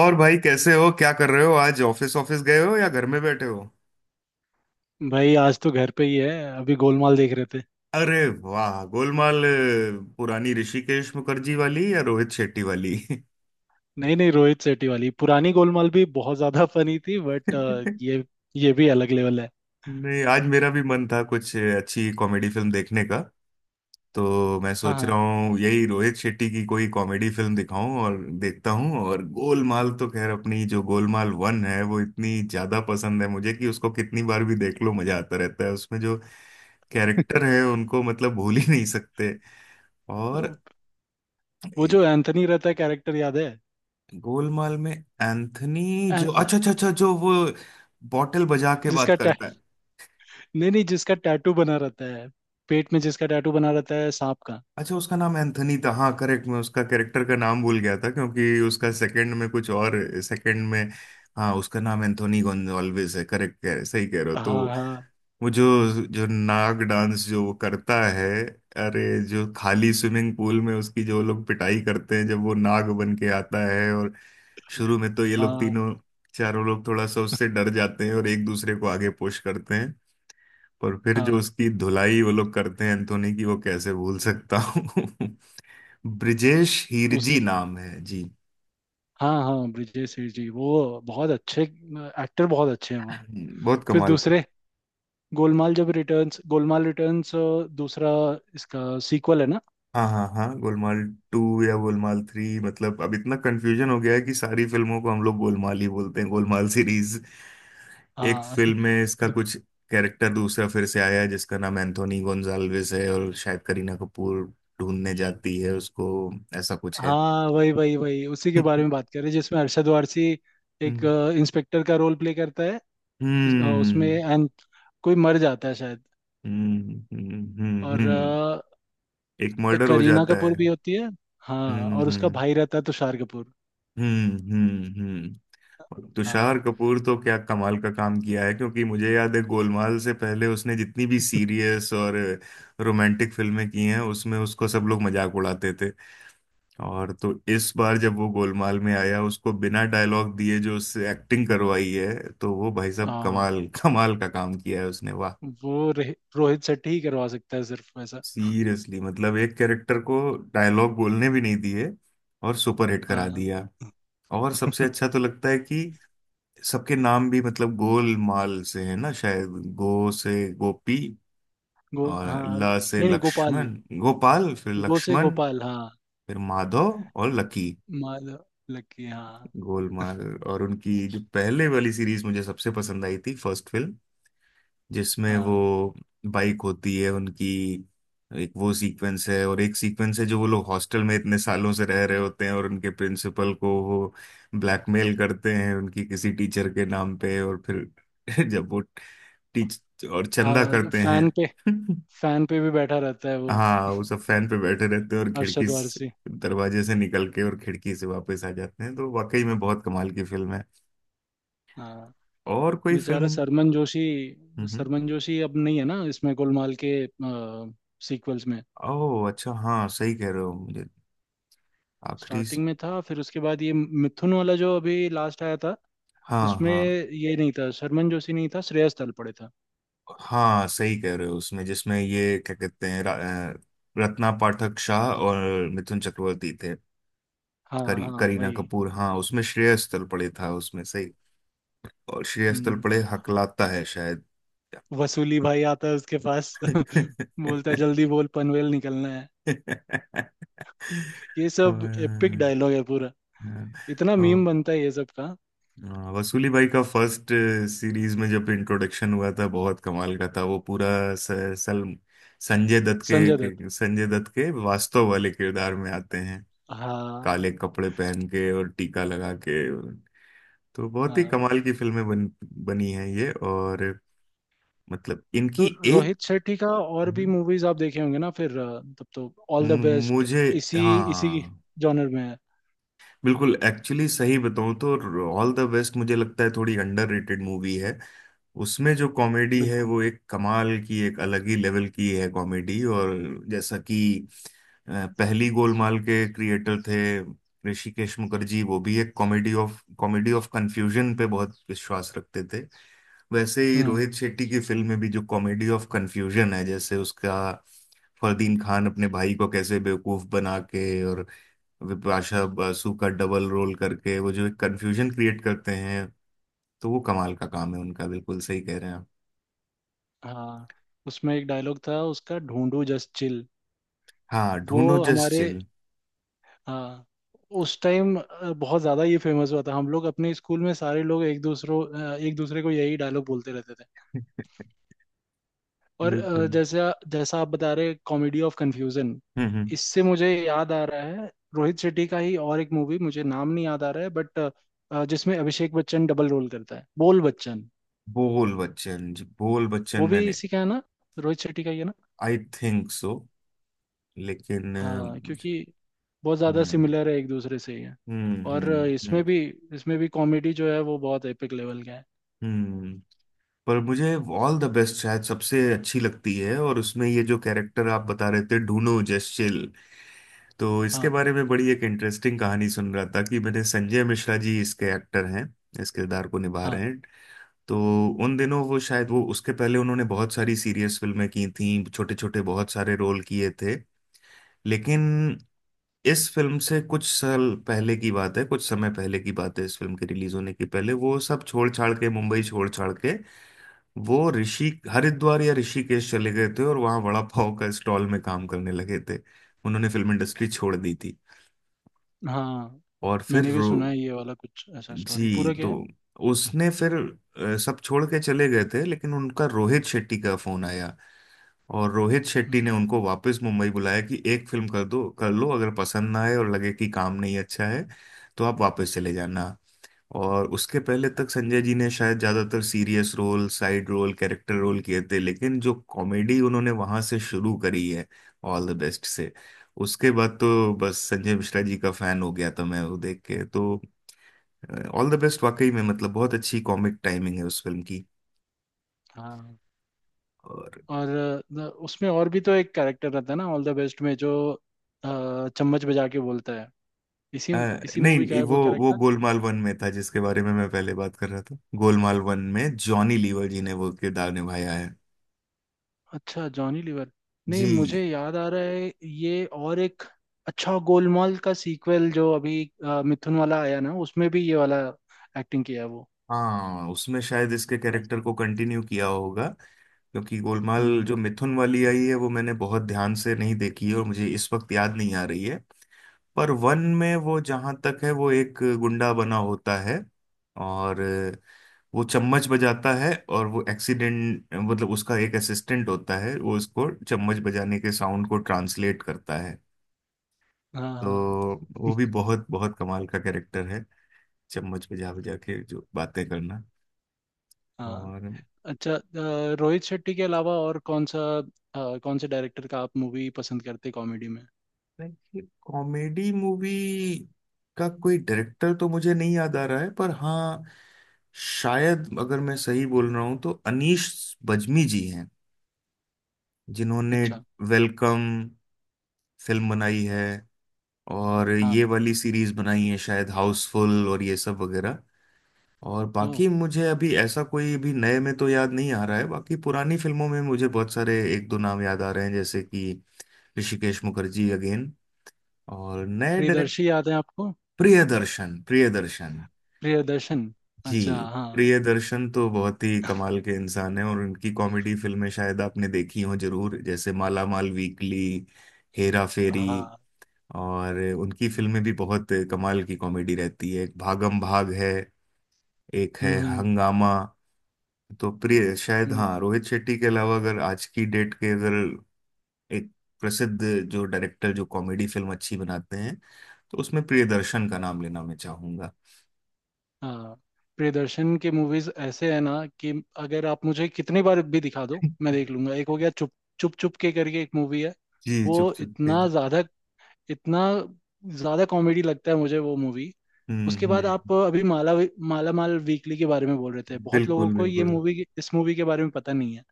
और भाई कैसे हो। क्या कर रहे हो। आज ऑफिस ऑफिस गए हो या घर में बैठे हो। भाई आज तो घर पे ही है। अभी गोलमाल देख रहे थे। अरे वाह, गोलमाल पुरानी ऋषिकेश मुखर्जी वाली या रोहित शेट्टी वाली नहीं नहीं, रोहित शेट्टी वाली। पुरानी गोलमाल भी बहुत ज्यादा फनी थी बट ये ये भी अलग लेवल है। नहीं, आज मेरा भी मन था कुछ अच्छी कॉमेडी फिल्म देखने का। तो मैं हाँ सोच हाँ। रहा हूँ यही रोहित शेट्टी की कोई कॉमेडी फिल्म दिखाऊं और देखता हूँ। और गोलमाल तो खैर, अपनी जो गोलमाल वन है वो इतनी ज्यादा पसंद है मुझे कि उसको कितनी बार भी देख लो मजा आता रहता है। उसमें जो कैरेक्टर है उनको मतलब भूल ही नहीं सकते। तो और वो ए- जो एंथनी रहता है कैरेक्टर, याद है? गोलमाल में एंथनी, जो ए- अच्छा अच्छा अच्छा, जो वो बॉटल बजा के बात जिसका करता है। नहीं नहीं, जिसका टैटू बना रहता है पेट में, जिसका टैटू बना रहता है सांप का। अच्छा, उसका नाम एंथनी था, हाँ, करेक्ट। मैं उसका कैरेक्टर का नाम भूल गया था, क्योंकि उसका सेकंड में कुछ और सेकंड में। हाँ, उसका नाम एंथोनी गोन्जाल्विस है, करेक्ट कह रहे, सही कह रहे हो। तो हाँ हाँ। वो जो जो नाग डांस जो वो करता है, अरे, जो खाली स्विमिंग पूल में उसकी जो लोग पिटाई करते हैं, जब वो नाग बन के आता है। और शुरू में तो ये लोग हाँ तीनों चारों लोग थोड़ा सा उससे डर जाते हैं और एक दूसरे को आगे पुश करते हैं। पर फिर जो हाँ उसकी धुलाई वो लोग करते हैं एंथोनी की, वो कैसे भूल सकता हूँ ब्रिजेश उसी। हीरजी नाम है जी हाँ हाँ, ब्रिजेश सेठ जी, वो बहुत अच्छे एक्टर, बहुत अच्छे हैं वो। बहुत फिर कमाल। दूसरे गोलमाल, जब रिटर्न्स, गोलमाल रिटर्न्स, दूसरा इसका सीक्वल है ना। हाँ हाँ हाँ, गोलमाल टू या गोलमाल थ्री, मतलब अब इतना कंफ्यूजन हो गया है कि सारी फिल्मों को हम लोग गोलमाल ही बोलते हैं, गोलमाल सीरीज। एक हाँ फिल्म में इसका दु- कुछ कैरेक्टर दूसरा फिर से आया है जिसका नाम एंथोनी गोंजाल्विस है, और शायद करीना कपूर ढूंढने जाती है उसको। ऐसा कुछ है हाँ वही वही वही, उसी के बारे में बात कर रहे हैं, जिसमें अरशद वारसी एक हम्म इंस्पेक्टर का रोल प्ले करता है। उसमें हम्म एंड कोई मर जाता है शायद। हम्म हम्म हम्म, और हम्म। एक मर्डर हो करीना जाता है। कपूर भी होती है। हाँ हम्म और उसका हम्म भाई रहता है तुषार कपूर। हम्म हम्म हम्म हाँ तुषार कपूर तो क्या कमाल का काम किया है, क्योंकि मुझे याद है गोलमाल से पहले उसने जितनी भी सीरियस और रोमांटिक फिल्में की हैं उसमें उसको सब लोग मजाक उड़ाते थे। और तो इस बार जब वो गोलमाल में आया, उसको बिना डायलॉग दिए जो उससे एक्टिंग करवाई है, तो वो भाई साहब हाँ। कमाल कमाल का काम किया है उसने, वाह। रोहित शेट्टी ही करवा सकता है सिर्फ वैसा। सीरियसली मतलब एक कैरेक्टर को डायलॉग बोलने भी नहीं दिए और सुपरहिट करा हाँ दिया। और सबसे अच्छा तो लगता है कि सबके नाम भी मतलब गोलमाल से है ना शायद। गो से गोपी गो और हाँ, ल से नहीं नहीं गोपाल। लक्ष्मण, गोपाल फिर गो से लक्ष्मण गोपाल हाँ। फिर माधव और लकी, माधव, लक्की हाँ। गोलमाल। और उनकी जो पहले वाली सीरीज मुझे सबसे पसंद आई थी फर्स्ट फिल्म, जिसमें वो हाँ बाइक होती है उनकी, एक वो सीक्वेंस है। और एक सीक्वेंस है जो वो लोग हॉस्टल में इतने सालों से रह रहे होते हैं और उनके प्रिंसिपल को वो ब्लैकमेल करते हैं उनकी किसी टीचर के नाम पे। और फिर जब वो टीच और चंदा हाँ। करते हैं फैन पे, फैन पे भी बैठा रहता है वो। हाँ, वो सब फैन पे बैठे रहते हैं और अरशद वारसी। दरवाजे से निकल के और खिड़की से वापस आ जाते हैं। तो वाकई में बहुत कमाल की फिल्म है। हाँ। और कोई फिल्म। बेचारा हम्म। सरमन जोशी। हम्म। सरमन जोशी अब नहीं है ना इसमें गोलमाल के सीक्वल्स में। ओह अच्छा, हाँ सही कह रहे हो। आखिरी से- स्टार्टिंग में था, फिर उसके बाद ये मिथुन वाला जो अभी लास्ट आया था, हाँ उसमें हाँ ये नहीं था। सरमन जोशी नहीं था, श्रेयस तलपड़े था। हाँ सही कह रहे हो। उसमें जिसमें ये क्या कहते हैं अ, रत्ना पाठक शाह और मिथुन चक्रवर्ती थे। हाँ हाँ करीना वही। कपूर, हाँ, उसमें श्रेयस तलपड़े था उसमें, सही। और श्रेयस हम्म। तलपड़े हकलाता है शायद वसूली भाई आता है उसके पास और, बोलता है जल्दी बोल, पनवेल निकलना है। ये सब एपिक और, डायलॉग है पूरा। इतना और, मीम बनता है ये सब का। वसूली भाई का फर्स्ट सीरीज में जब इंट्रोडक्शन हुआ था बहुत कमाल का था वो पूरा। स, सल संजय दत्त संजय दत्त। के संजय दत्त के वास्तव वाले किरदार में आते हैं, हाँ काले कपड़े पहन के और टीका लगा के। तो बहुत ही हाँ। कमाल की बनी हैं ये। और मतलब इनकी तो एक, रोहित शेट्टी का और भी हम्म। मूवीज आप देखे होंगे ना। फिर तब तो ऑल द मु- बेस्ट मुझे, इसी इसी हाँ जॉनर में है। बिल्कुल, एक्चुअली सही बताऊं तो ऑल द बेस्ट मुझे लगता है थोड़ी अंडररेटेड मूवी है। उसमें जो कॉमेडी है बिल्कुल। वो एक कमाल की, एक अलग ही लेवल की है कॉमेडी। और जैसा कि अ, पहली गोलमाल के क्रिएटर थे ऋषिकेश मुखर्जी, वो भी एक कॉमेडी ऑफ कन्फ्यूजन पे बहुत विश्वास रखते थे। वैसे ही हम्म। रोहित शेट्टी की फिल्म में भी जो कॉमेडी ऑफ कन्फ्यूजन है, जैसे उसका फरदीन खान अपने भाई को कैसे बेवकूफ बना के और विपाशा बासु का डबल रोल करके वो जो एक कंफ्यूजन क्रिएट करते हैं, तो वो कमाल का काम है उनका, बिल्कुल सही कह रहे हैं आप। हाँ उसमें एक डायलॉग था उसका, ढूंढू जस्ट चिल। हाँ, वो ढूंढो जस्ट हमारे। चिल हाँ, उस टाइम बहुत ज्यादा ये फेमस हुआ था। हम लोग अपने स्कूल में सारे लोग एक दूसरे को यही डायलॉग बोलते रहते थे। और बिल्कुल। जैसे जैसा आप बता रहे, कॉमेडी ऑफ कन्फ्यूजन। हम्म। इससे मुझे याद आ रहा है, रोहित शेट्टी का ही और एक मूवी, मुझे नाम नहीं याद आ रहा है बट जिसमें अभिषेक बच्चन डबल रोल करता है, बोल बच्चन। बोल बच्चन जी, बोल बच्चन वो भी मैंने, इसी का है ना, रोहित शेट्टी का ही है ना। I think so. लेकिन हाँ क्योंकि बहुत ज़्यादा हम्म सिमिलर है, एक दूसरे से ही है। और इसमें हम्म। भी इसमें भी कॉमेडी जो है वो बहुत एपिक लेवल का है। हम्म। पर मुझे ऑल द बेस्ट शायद सबसे अच्छी लगती है। और उसमें ये जो कैरेक्टर आप बता रहे थे ढूंढो जस्ट चिल, तो इसके हाँ। बारे में बड़ी एक इंटरेस्टिंग कहानी सुन रहा था कि, मैंने, संजय मिश्रा जी इसके एक्टर हैं, इस किरदार को निभा हाँ रहे हैं। तो उन दिनों वो शायद, वो उसके पहले उन्होंने बहुत सारी सीरियस फिल्में की थीं, छोटे छोटे बहुत सारे रोल किए थे। लेकिन इस फिल्म से कुछ साल पहले की बात है, कुछ समय पहले की बात है, इस फिल्म के रिलीज होने के पहले, वो सब छोड़ छाड़ के, मुंबई छोड़ छाड़ के, वो ऋषि हरिद्वार या ऋषिकेश चले गए थे और वहाँ वड़ा पाव का स्टॉल में काम करने लगे थे। उन्होंने फिल्म इंडस्ट्री छोड़ दी थी। हाँ। और फिर मैंने भी रो सुना है ये वाला, कुछ ऐसा स्टोरी जी। पूरा क्या तो है। उसने फिर सब छोड़ के चले गए थे, लेकिन उनका रोहित शेट्टी का फोन आया, और रोहित शेट्टी हम्म। ने उनको वापस मुंबई बुलाया कि एक फिल्म कर दो, कर लो, अगर पसंद ना आए और लगे कि काम नहीं अच्छा है तो आप वापस चले जाना। और उसके पहले तक संजय जी ने शायद ज्यादातर serious role, side role, character role किए थे, लेकिन जो कॉमेडी उन्होंने वहां से शुरू करी है, ऑल द बेस्ट से, उसके बाद तो बस संजय मिश्रा जी का फैन हो गया था मैं वो देख के। तो ऑल द बेस्ट वाकई में मतलब बहुत अच्छी कॉमिक टाइमिंग है उस फिल्म की। हाँ। और और न- उसमें और भी तो एक कैरेक्टर रहता है ना, ऑल द बेस्ट में, जो चम्मच बजा के बोलता है। इसी अ, इसी मूवी का नहीं, है वो वो वो कैरेक्टर। गोलमाल वन में था, जिसके बारे में मैं पहले बात कर रहा था। गोलमाल वन में जॉनी लीवर जी ने वो किरदार निभाया है अच्छा, जॉनी लीवर। नहीं जी। मुझे याद आ रहा है ये और एक। अच्छा, गोलमाल का सीक्वल जो अभी मिथुन वाला आया ना, उसमें भी ये वाला एक्टिंग किया है वो। हाँ, उसमें शायद इसके कैरेक्टर को कंटिन्यू किया होगा, क्योंकि गोलमाल हम्म। जो मिथुन वाली आई है वो मैंने बहुत ध्यान से नहीं देखी है और मुझे इस वक्त याद नहीं आ रही है। पर वन में वो जहां तक है वो एक गुंडा बना होता है, और वो चम्मच बजाता है, और वो एक्सीडेंट मतलब उसका एक असिस्टेंट होता है, वो उसको चम्मच बजाने के साउंड को ट्रांसलेट करता है। हाँ हाँ। तो वो भी बहुत बहुत कमाल का कैरेक्टर है, चम्मच बजा बजा के जो बातें करना। हाँ और अच्छा रोहित शेट्टी के अलावा और कौन सा कौन से डायरेक्टर का आप मूवी पसंद करते कॉमेडी में? देखिए, कॉमेडी मूवी का कोई डायरेक्टर तो मुझे नहीं याद आ रहा है, पर हाँ, शायद, अगर मैं सही बोल रहा हूँ तो अनीश बज्मी जी हैं, जिन्होंने अच्छा वेलकम फिल्म बनाई है, और हाँ। ये वाली सीरीज बनाई है शायद हाउसफुल और ये सब वगैरह। और ओ, बाकी मुझे अभी ऐसा कोई भी नए में तो याद नहीं आ रहा है। बाकी पुरानी फिल्मों में मुझे बहुत सारे एक दो नाम याद आ रहे हैं, जैसे कि ऋषिकेश मुखर्जी अगेन। और नए, प्रियदर्शी याद है आपको? प्रियदर्शन प्रियदर्शन प्रियदर्शन। जी, अच्छा हाँ प्रियदर्शन तो बहुत ही कमाल के इंसान हैं, और उनकी कॉमेडी फिल्में शायद आपने देखी हो जरूर, जैसे माला माल वीकली, हेरा फेरी। हाँ। और उनकी फिल्में भी बहुत कमाल की कॉमेडी रहती है, एक भागम भाग है, एक है हम्म। हंगामा। तो प्रिय, शायद उन- हाँ, रोहित शेट्टी के अलावा अगर आज की डेट के अगर एक प्रसिद्ध जो डायरेक्टर जो कॉमेडी फिल्म अच्छी बनाते हैं तो उसमें प्रियदर्शन का नाम लेना मैं चाहूंगा। हाँ प्रियदर्शन के मूवीज ऐसे है ना कि अगर आप मुझे कितनी बार भी दिखा दो मैं देख लूंगा। एक हो गया चुप, चुप चुप के करके एक मूवी है। जी, वो चुप चुप के। इतना ज्यादा, इतना ज्यादा कॉमेडी लगता है मुझे वो मूवी। उसके बाद आप हम्म। अभी माला, माला माल वीकली के बारे में बोल रहे थे। बहुत लोगों बिल्कुल को ये बिल्कुल, मूवी, इस मूवी के बारे में पता नहीं है।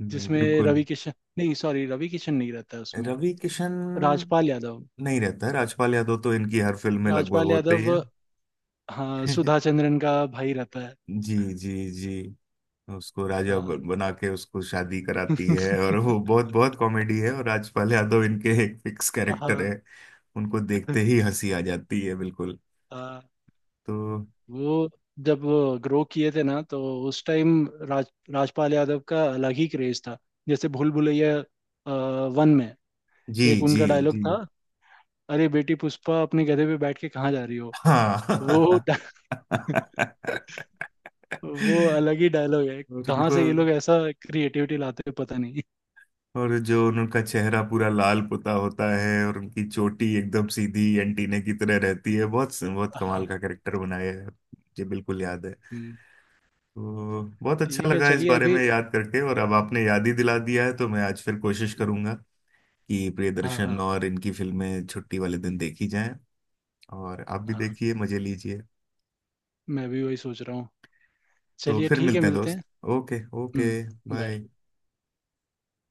नहीं जिसमें बिल्कुल। रवि किशन, नहीं सॉरी रवि किशन नहीं रहता है उसमें। रवि किशन राजपाल यादव। नहीं रहता है, राजपाल यादव तो इनकी हर फिल्म में लगभग राजपाल होते ही यादव है हाँ, सुधा चंद्रन का भाई रहता है। जी जी जी, उसको हाँ बना के उसको शादी कराती है, और वो बहुत बहुत कॉमेडी है, और राजपाल यादव इनके एक फिक्स कैरेक्टर हाँ है। उनको देखते ही हंसी आ जाती है, बिल्कुल। हाँ। तो वो जब वो ग्रो किए थे ना, तो उस टाइम राज, राजपाल यादव का अलग ही क्रेज था। जैसे भूल भुलैया वन में जी एक जी उनका डायलॉग जी, था, अरे बेटी पुष्पा अपने गधे पे बैठ के कहाँ जा रही हो। वो हाँ डा- वो अलग ही डायलॉग है। और कहाँ उनको, से ये लोग ऐसा क्रिएटिविटी लाते हैं पता नहीं। और जो उनका चेहरा पूरा लाल पुता होता है और उनकी चोटी एकदम सीधी एंटीना की तरह रहती है, बहुत बहुत कमाल का हाँ। कैरेक्टर बनाया है, मुझे बिल्कुल याद है। हम्म। तो बहुत अच्छा ठीक है, लगा इस चलिए बारे में अभी। याद करके, और अब आपने याद ही दिला दिया है तो मैं आज फिर कोशिश करूंगा कि हाँ हाँ। प्रियदर्शन और इनकी फिल्में छुट्टी वाले दिन देखी जाएं, और आप भी हाँ देखिए, मजे लीजिए। मैं भी वही सोच रहा हूँ। तो चलिए फिर ठीक है, मिलते हैं मिलते हैं। दोस्त, okay okay, hmm. Bye. Bye.